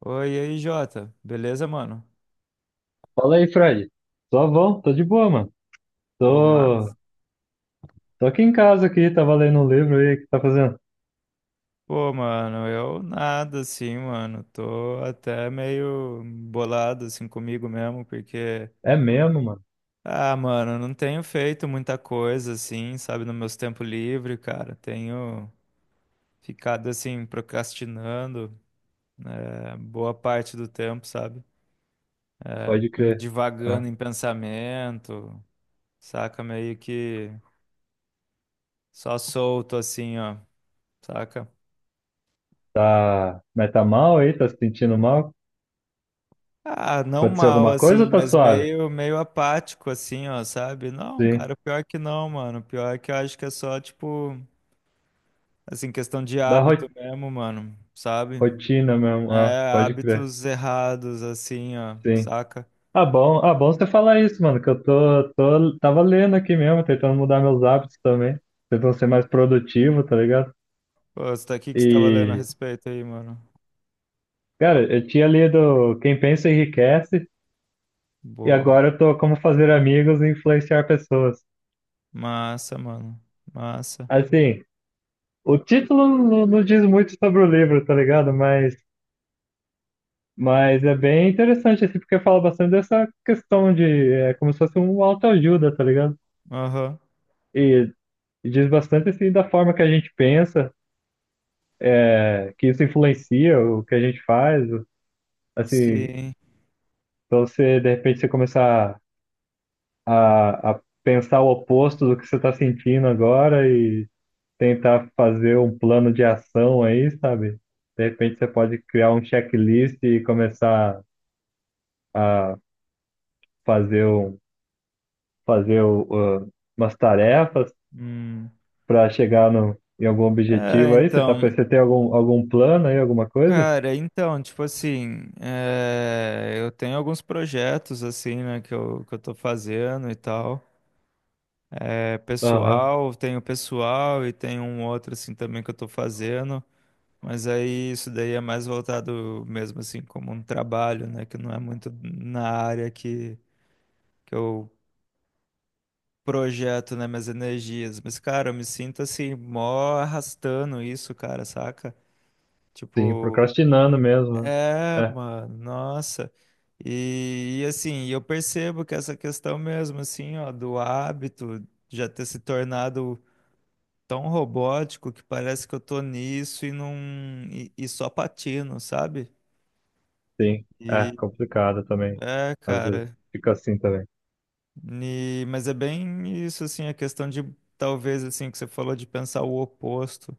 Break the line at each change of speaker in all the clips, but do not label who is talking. Oi, e aí, Jota. Beleza, mano?
Fala aí, Fred. Tô bom, tô de boa, mano.
Pô,
Tô,
mas...
tô aqui em casa aqui, tava lendo um livro aí, o que tá fazendo?
Pô, mano, eu nada assim, mano. Tô até meio bolado assim comigo mesmo, porque
É mesmo, mano.
ah, mano, eu não tenho feito muita coisa assim, sabe, no meus tempos livres, cara. Tenho ficado assim procrastinando boa parte do tempo, sabe?
Pode crer.
Divagando
Ah,
em pensamento, saca? Meio que só solto assim, ó, saca?
tá, mas tá mal aí? Tá se sentindo mal?
Ah, não
Aconteceu
mal,
alguma coisa
assim,
ou tá
mas
suave?
meio, meio apático, assim, ó, sabe? Não,
Sim.
cara, pior que não, mano. Pior que eu acho que é só, tipo, assim, questão de
Da ro-
hábito mesmo, mano, sabe?
Rotina mesmo. Ah,
É,
pode crer.
hábitos errados, assim, ó,
Sim.
saca?
Ah, bom você falar isso, mano, que eu tava lendo aqui mesmo, tentando mudar meus hábitos também, tentando ser mais produtivo, tá ligado?
Pô, você tá aqui que você tava lendo a
E,
respeito aí, mano.
cara, eu tinha lido Quem Pensa Enriquece, e
Boa.
agora eu tô como fazer amigos e influenciar pessoas.
Massa, mano. Massa.
Assim, o título não diz muito sobre o livro, tá ligado? Mas é bem interessante, assim, porque fala bastante dessa questão de, é como se fosse um autoajuda, tá ligado?
Aham.
E, e diz bastante, assim, da forma que a gente pensa, é, que isso influencia o que a gente faz, assim,
Sim.
então você, de repente, você começar a pensar o oposto do que você está sentindo agora e tentar fazer um plano de ação aí, sabe? De repente você pode criar um checklist e começar a fazer, fazer umas tarefas
Hum.
para chegar no, em algum
É,
objetivo aí. Você
então.
você tem algum, algum plano aí, alguma coisa?
Cara, então, tipo assim, eu tenho alguns projetos, assim, né, que eu tô fazendo e tal. É
Aham,
pessoal, tenho pessoal e tenho um outro, assim, também que eu tô fazendo. Mas aí isso daí é mais voltado mesmo, assim, como um trabalho, né, que não é muito na área que eu projeto, né, minhas energias. Mas, cara, eu me sinto, assim, mó arrastando isso, cara, saca?
sim,
Tipo,
procrastinando mesmo. Né?
é,
É,
mano, nossa. E, assim, eu percebo que essa questão mesmo, assim, ó, do hábito já ter se tornado tão robótico que parece que eu tô nisso e não e só patino, sabe?
sim, é
E
complicado também.
é,
Às vezes
cara.
fica assim também.
E, mas é bem isso, assim, a questão de talvez assim que você falou de pensar o oposto,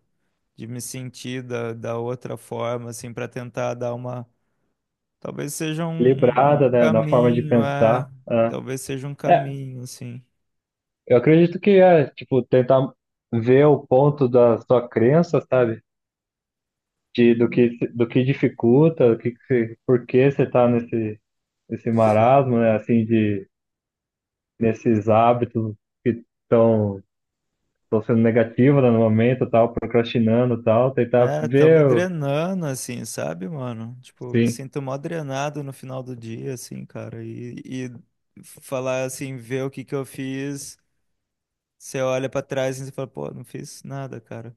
de me sentir da outra forma, assim, para tentar dar uma. Talvez seja um, um
Equilibrada, né, na forma de
caminho, é.
pensar. É.
Talvez seja um
É,
caminho, assim.
eu acredito que é, tipo, tentar ver o ponto da sua crença, sabe? De, do que, do que dificulta, do que você- por que você tá nesse, nesse
Sim.
marasmo, né? Assim, de, nesses hábitos que estão sendo negativos, né, no momento, tal, procrastinando, tal. Tentar
É, tão me
ver, o-
drenando, assim, sabe, mano? Tipo, eu me
sim.
sinto mó drenado no final do dia, assim, cara. E falar assim, ver o que que eu fiz, você olha pra trás e você fala, pô, não fiz nada, cara.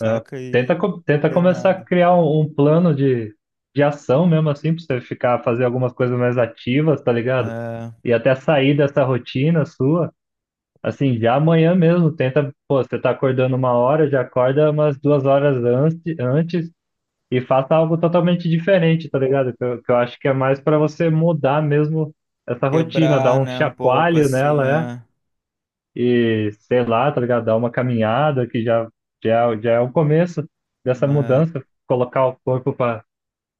Né?
e
Tenta começar a
drenado.
criar um plano de ação mesmo, assim, pra você ficar, fazer algumas coisas mais ativas, tá ligado?
É,
E até sair dessa rotina sua. Assim, já amanhã mesmo, tenta, pô, você tá acordando uma hora, já acorda umas duas horas antes e faça algo totalmente diferente, tá ligado? Que eu acho que é mais pra você mudar mesmo essa rotina, dar
quebrar,
um
né, um pouco,
chacoalho
assim,
nela, é,
é,
e sei lá, tá ligado? Dar uma caminhada que já é o começo dessa
né,
mudança, colocar o corpo pra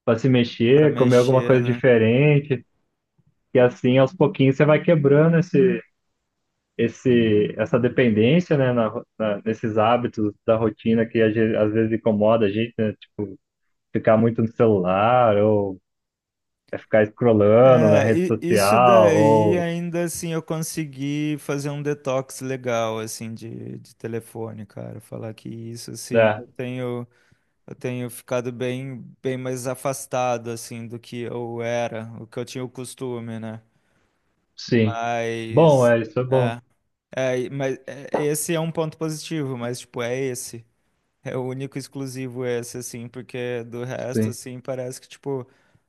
pra se
pra
mexer, comer alguma
mexer,
coisa
né?
diferente, e assim aos pouquinhos você vai quebrando essa dependência, né, nesses hábitos da rotina que a gen- às vezes incomoda a gente, né, tipo, ficar muito no celular, ou é ficar scrollando na
É,
rede
e isso
social,
daí
ou,
ainda assim eu consegui fazer um detox legal assim de telefone, cara. Falar que isso assim,
né,
eu tenho ficado bem mais afastado assim do que eu era, o que eu tinha o costume, né?
sim. Bom,
Mas
é, isso é bom,
é, mas esse é um ponto positivo, mas tipo, é esse. É o único exclusivo esse, assim, porque do resto,
sim.
assim, parece que, tipo,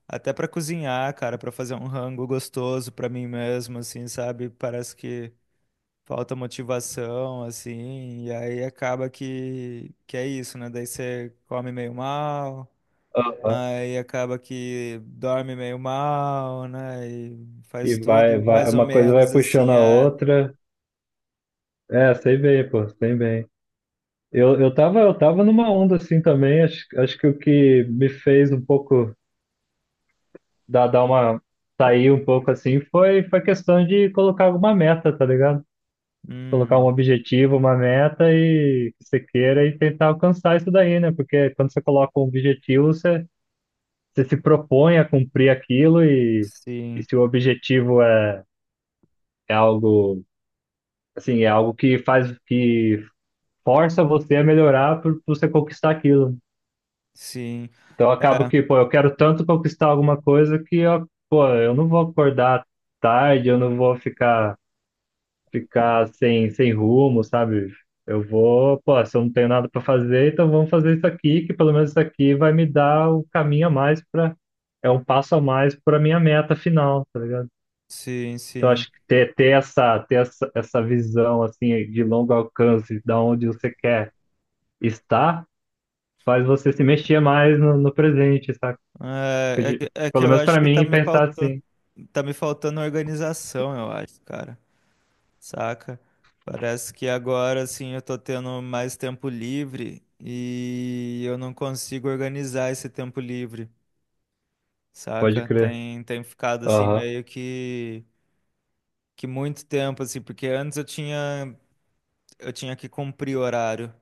até pra cozinhar, cara, pra fazer um rango gostoso pra mim mesmo, assim, sabe? Parece que falta motivação, assim, e aí acaba que é isso, né? Daí você come meio mal,
Aham.
aí acaba que dorme meio mal, né? E faz tudo mais ou
Uma coisa
menos
vai puxando
assim,
a
ah,
outra, é, sei bem, pô, sei bem. Eu tava numa onda assim também, acho, acho que o que me fez um pouco dar, dar uma sair um pouco assim foi questão de colocar alguma meta, tá ligado? Colocar um
hum,
objetivo, uma meta e que você queira e tentar alcançar isso daí, né? Porque quando você coloca um objetivo, você se propõe a cumprir aquilo e
sim,
se o objetivo é, é algo assim, é algo que faz que força você a melhorar por você conquistar aquilo.
sim,
Então eu acabo
é,
que, pô, eu quero tanto conquistar alguma coisa que eu, pô, eu não vou acordar tarde, eu não vou ficar sem rumo, sabe? Eu vou, pô, se eu não tenho nada para fazer, então vamos fazer isso aqui, que pelo menos isso aqui vai me dar o caminho a mais para, é um passo a mais para minha meta final, tá ligado?
sim,
Então
sim.
acho que essa visão assim de longo alcance, da onde você quer estar, faz você se mexer mais no presente, sabe?
É que é que
Pelo
eu
menos
acho
para
que tá
mim
me
pensar
faltando,
assim,
tá me faltando organização, eu acho, cara. Saca? Parece que agora assim eu tô tendo mais tempo livre e eu não consigo organizar esse tempo livre,
pode
saca?
crer.
Tem ficado assim
Aham,
meio que muito tempo assim, porque antes eu tinha que cumprir horário,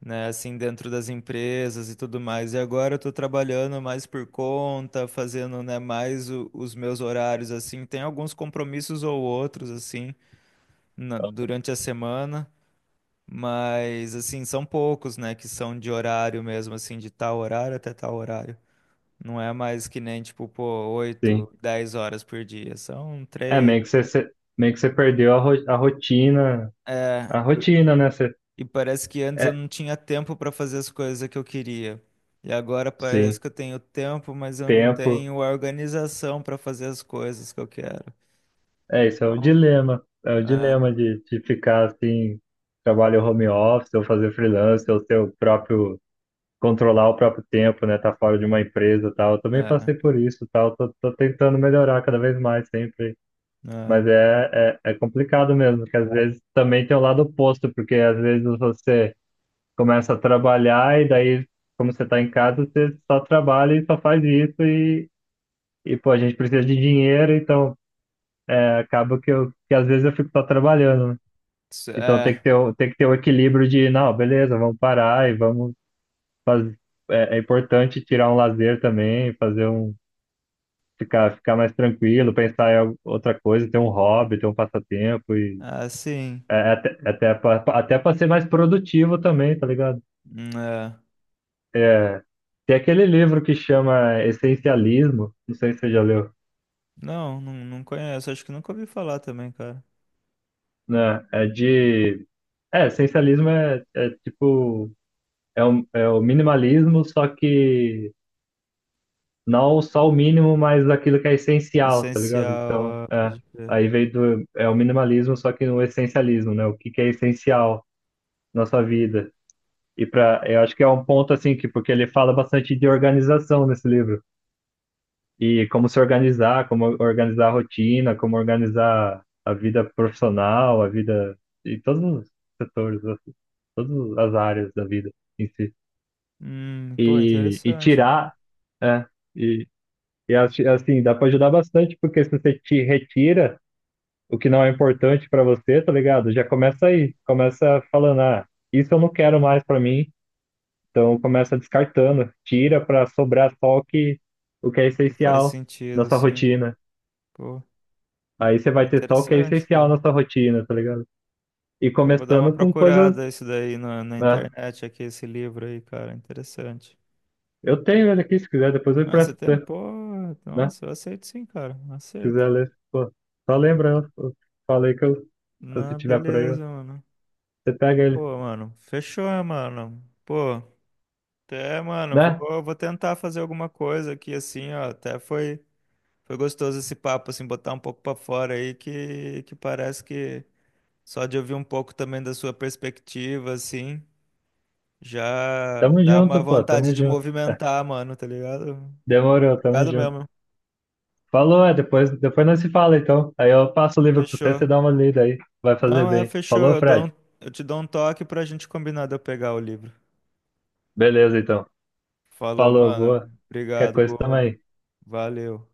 né, assim, dentro das empresas e tudo mais. E agora eu tô trabalhando mais por conta, fazendo, né, mais os meus horários, assim. Tem alguns compromissos ou outros, assim, durante a semana, mas, assim, são poucos, né, que são de horário mesmo, assim, de tal horário até tal horário. Não é mais que nem, tipo, pô,
sim.
8, 10 horas por dia. São
É meio
três.
que você, você- meio que você perdeu a rotina.
É.
A rotina, né? Você,
E parece que antes eu
é,
não tinha tempo para fazer as coisas que eu queria. E agora parece
sim,
que eu tenho tempo, mas eu não
tempo.
tenho a organização para fazer as coisas que eu quero.
É, isso é o
Então,
dilema. É o
é,
dilema de ficar assim, trabalho home office, ou fazer freelance, ou seu próprio, controlar o próprio tempo, né? Tá fora de uma empresa e tal. Eu também
é,
passei por isso, e tal. Tô tentando melhorar cada vez mais sempre.
é,
Mas é complicado mesmo, que às vezes também tem o lado oposto, porque às vezes você começa a trabalhar e daí, como você tá em casa, você só trabalha e só faz isso. E, pô, a gente precisa de dinheiro, então é, acaba que eu que às vezes eu fico só trabalhando, né?
isso
Então tem que
é,
ter, tem que ter o equilíbrio de, não, beleza, vamos parar e vamos fazer. É importante tirar um lazer também, fazer um. Ficar mais tranquilo, pensar em al- outra coisa, ter um hobby, ter um passatempo e
é assim,
pra- até para ser mais produtivo também, tá ligado?
é.
Tem aquele livro que chama Essencialismo, não sei se você já leu,
Não, não, não conheço, acho que nunca ouvi falar também, cara.
né? É de. É, essencialismo é tipo. É é o minimalismo, só que não só o mínimo, mas aquilo que é essencial, tá ligado? Então,
Essencial, é,
é,
pode crer.
aí veio do, é o minimalismo, só que no essencialismo, né? O que que é essencial na sua vida. E para, eu acho que é um ponto assim que porque ele fala bastante de organização nesse livro. E como se organizar, como organizar a rotina, como organizar a vida profissional, a vida em todos os setores, assim, todas as áreas da vida em si.
Pô,
e, e
interessante, cara.
tirar, é, e assi- assim, dá para ajudar bastante, porque se você te retira o que não é importante para você, tá ligado? Já começa aí, começa falando, ah, isso eu não quero mais para mim, então começa descartando, tira para sobrar só o que é
Que faz
essencial na
sentido,
sua
sim.
rotina.
Pô,
Aí você
é
vai ter só o que é
interessante,
essencial
cara.
na sua rotina, tá ligado? E
Pô, vou dar uma
começando com coisas,
procurada isso daí na
né?
internet, aqui, esse livro aí, cara. Interessante.
Eu tenho ele aqui, se quiser, depois eu
Ah, você
empresto pra
tem?
você,
Pô,
né?
nossa, eu aceito sim, cara. Aceito.
Quiser ler, pô, só lembra, eu falei que eu, se você
Não,
tiver por aí,
beleza, mano.
você pega ele,
Pô, mano, fechou, né, mano. Pô, até, mano,
né?
vou tentar fazer alguma coisa aqui, assim, ó. Até foi gostoso esse papo, assim, botar um pouco pra fora aí, que parece que só de ouvir um pouco também da sua perspectiva, assim, já
Tamo
dá uma
junto, pô,
vontade
tamo
de
junto.
movimentar, mano, tá ligado?
Demorou, tamo
Obrigado
junto.
mesmo.
Falou, é, depois nós se fala, então. Aí eu passo o livro pro você,
Fechou.
você dá uma lida aí, vai fazer
Não, é,
bem.
fechou.
Falou,
Eu dou um-
Fred?
eu te dou um toque pra gente combinar de eu pegar o livro.
Beleza, então.
Falou,
Falou,
mano.
boa. Qualquer
Obrigado,
coisa, tamo
boa.
aí.
Valeu.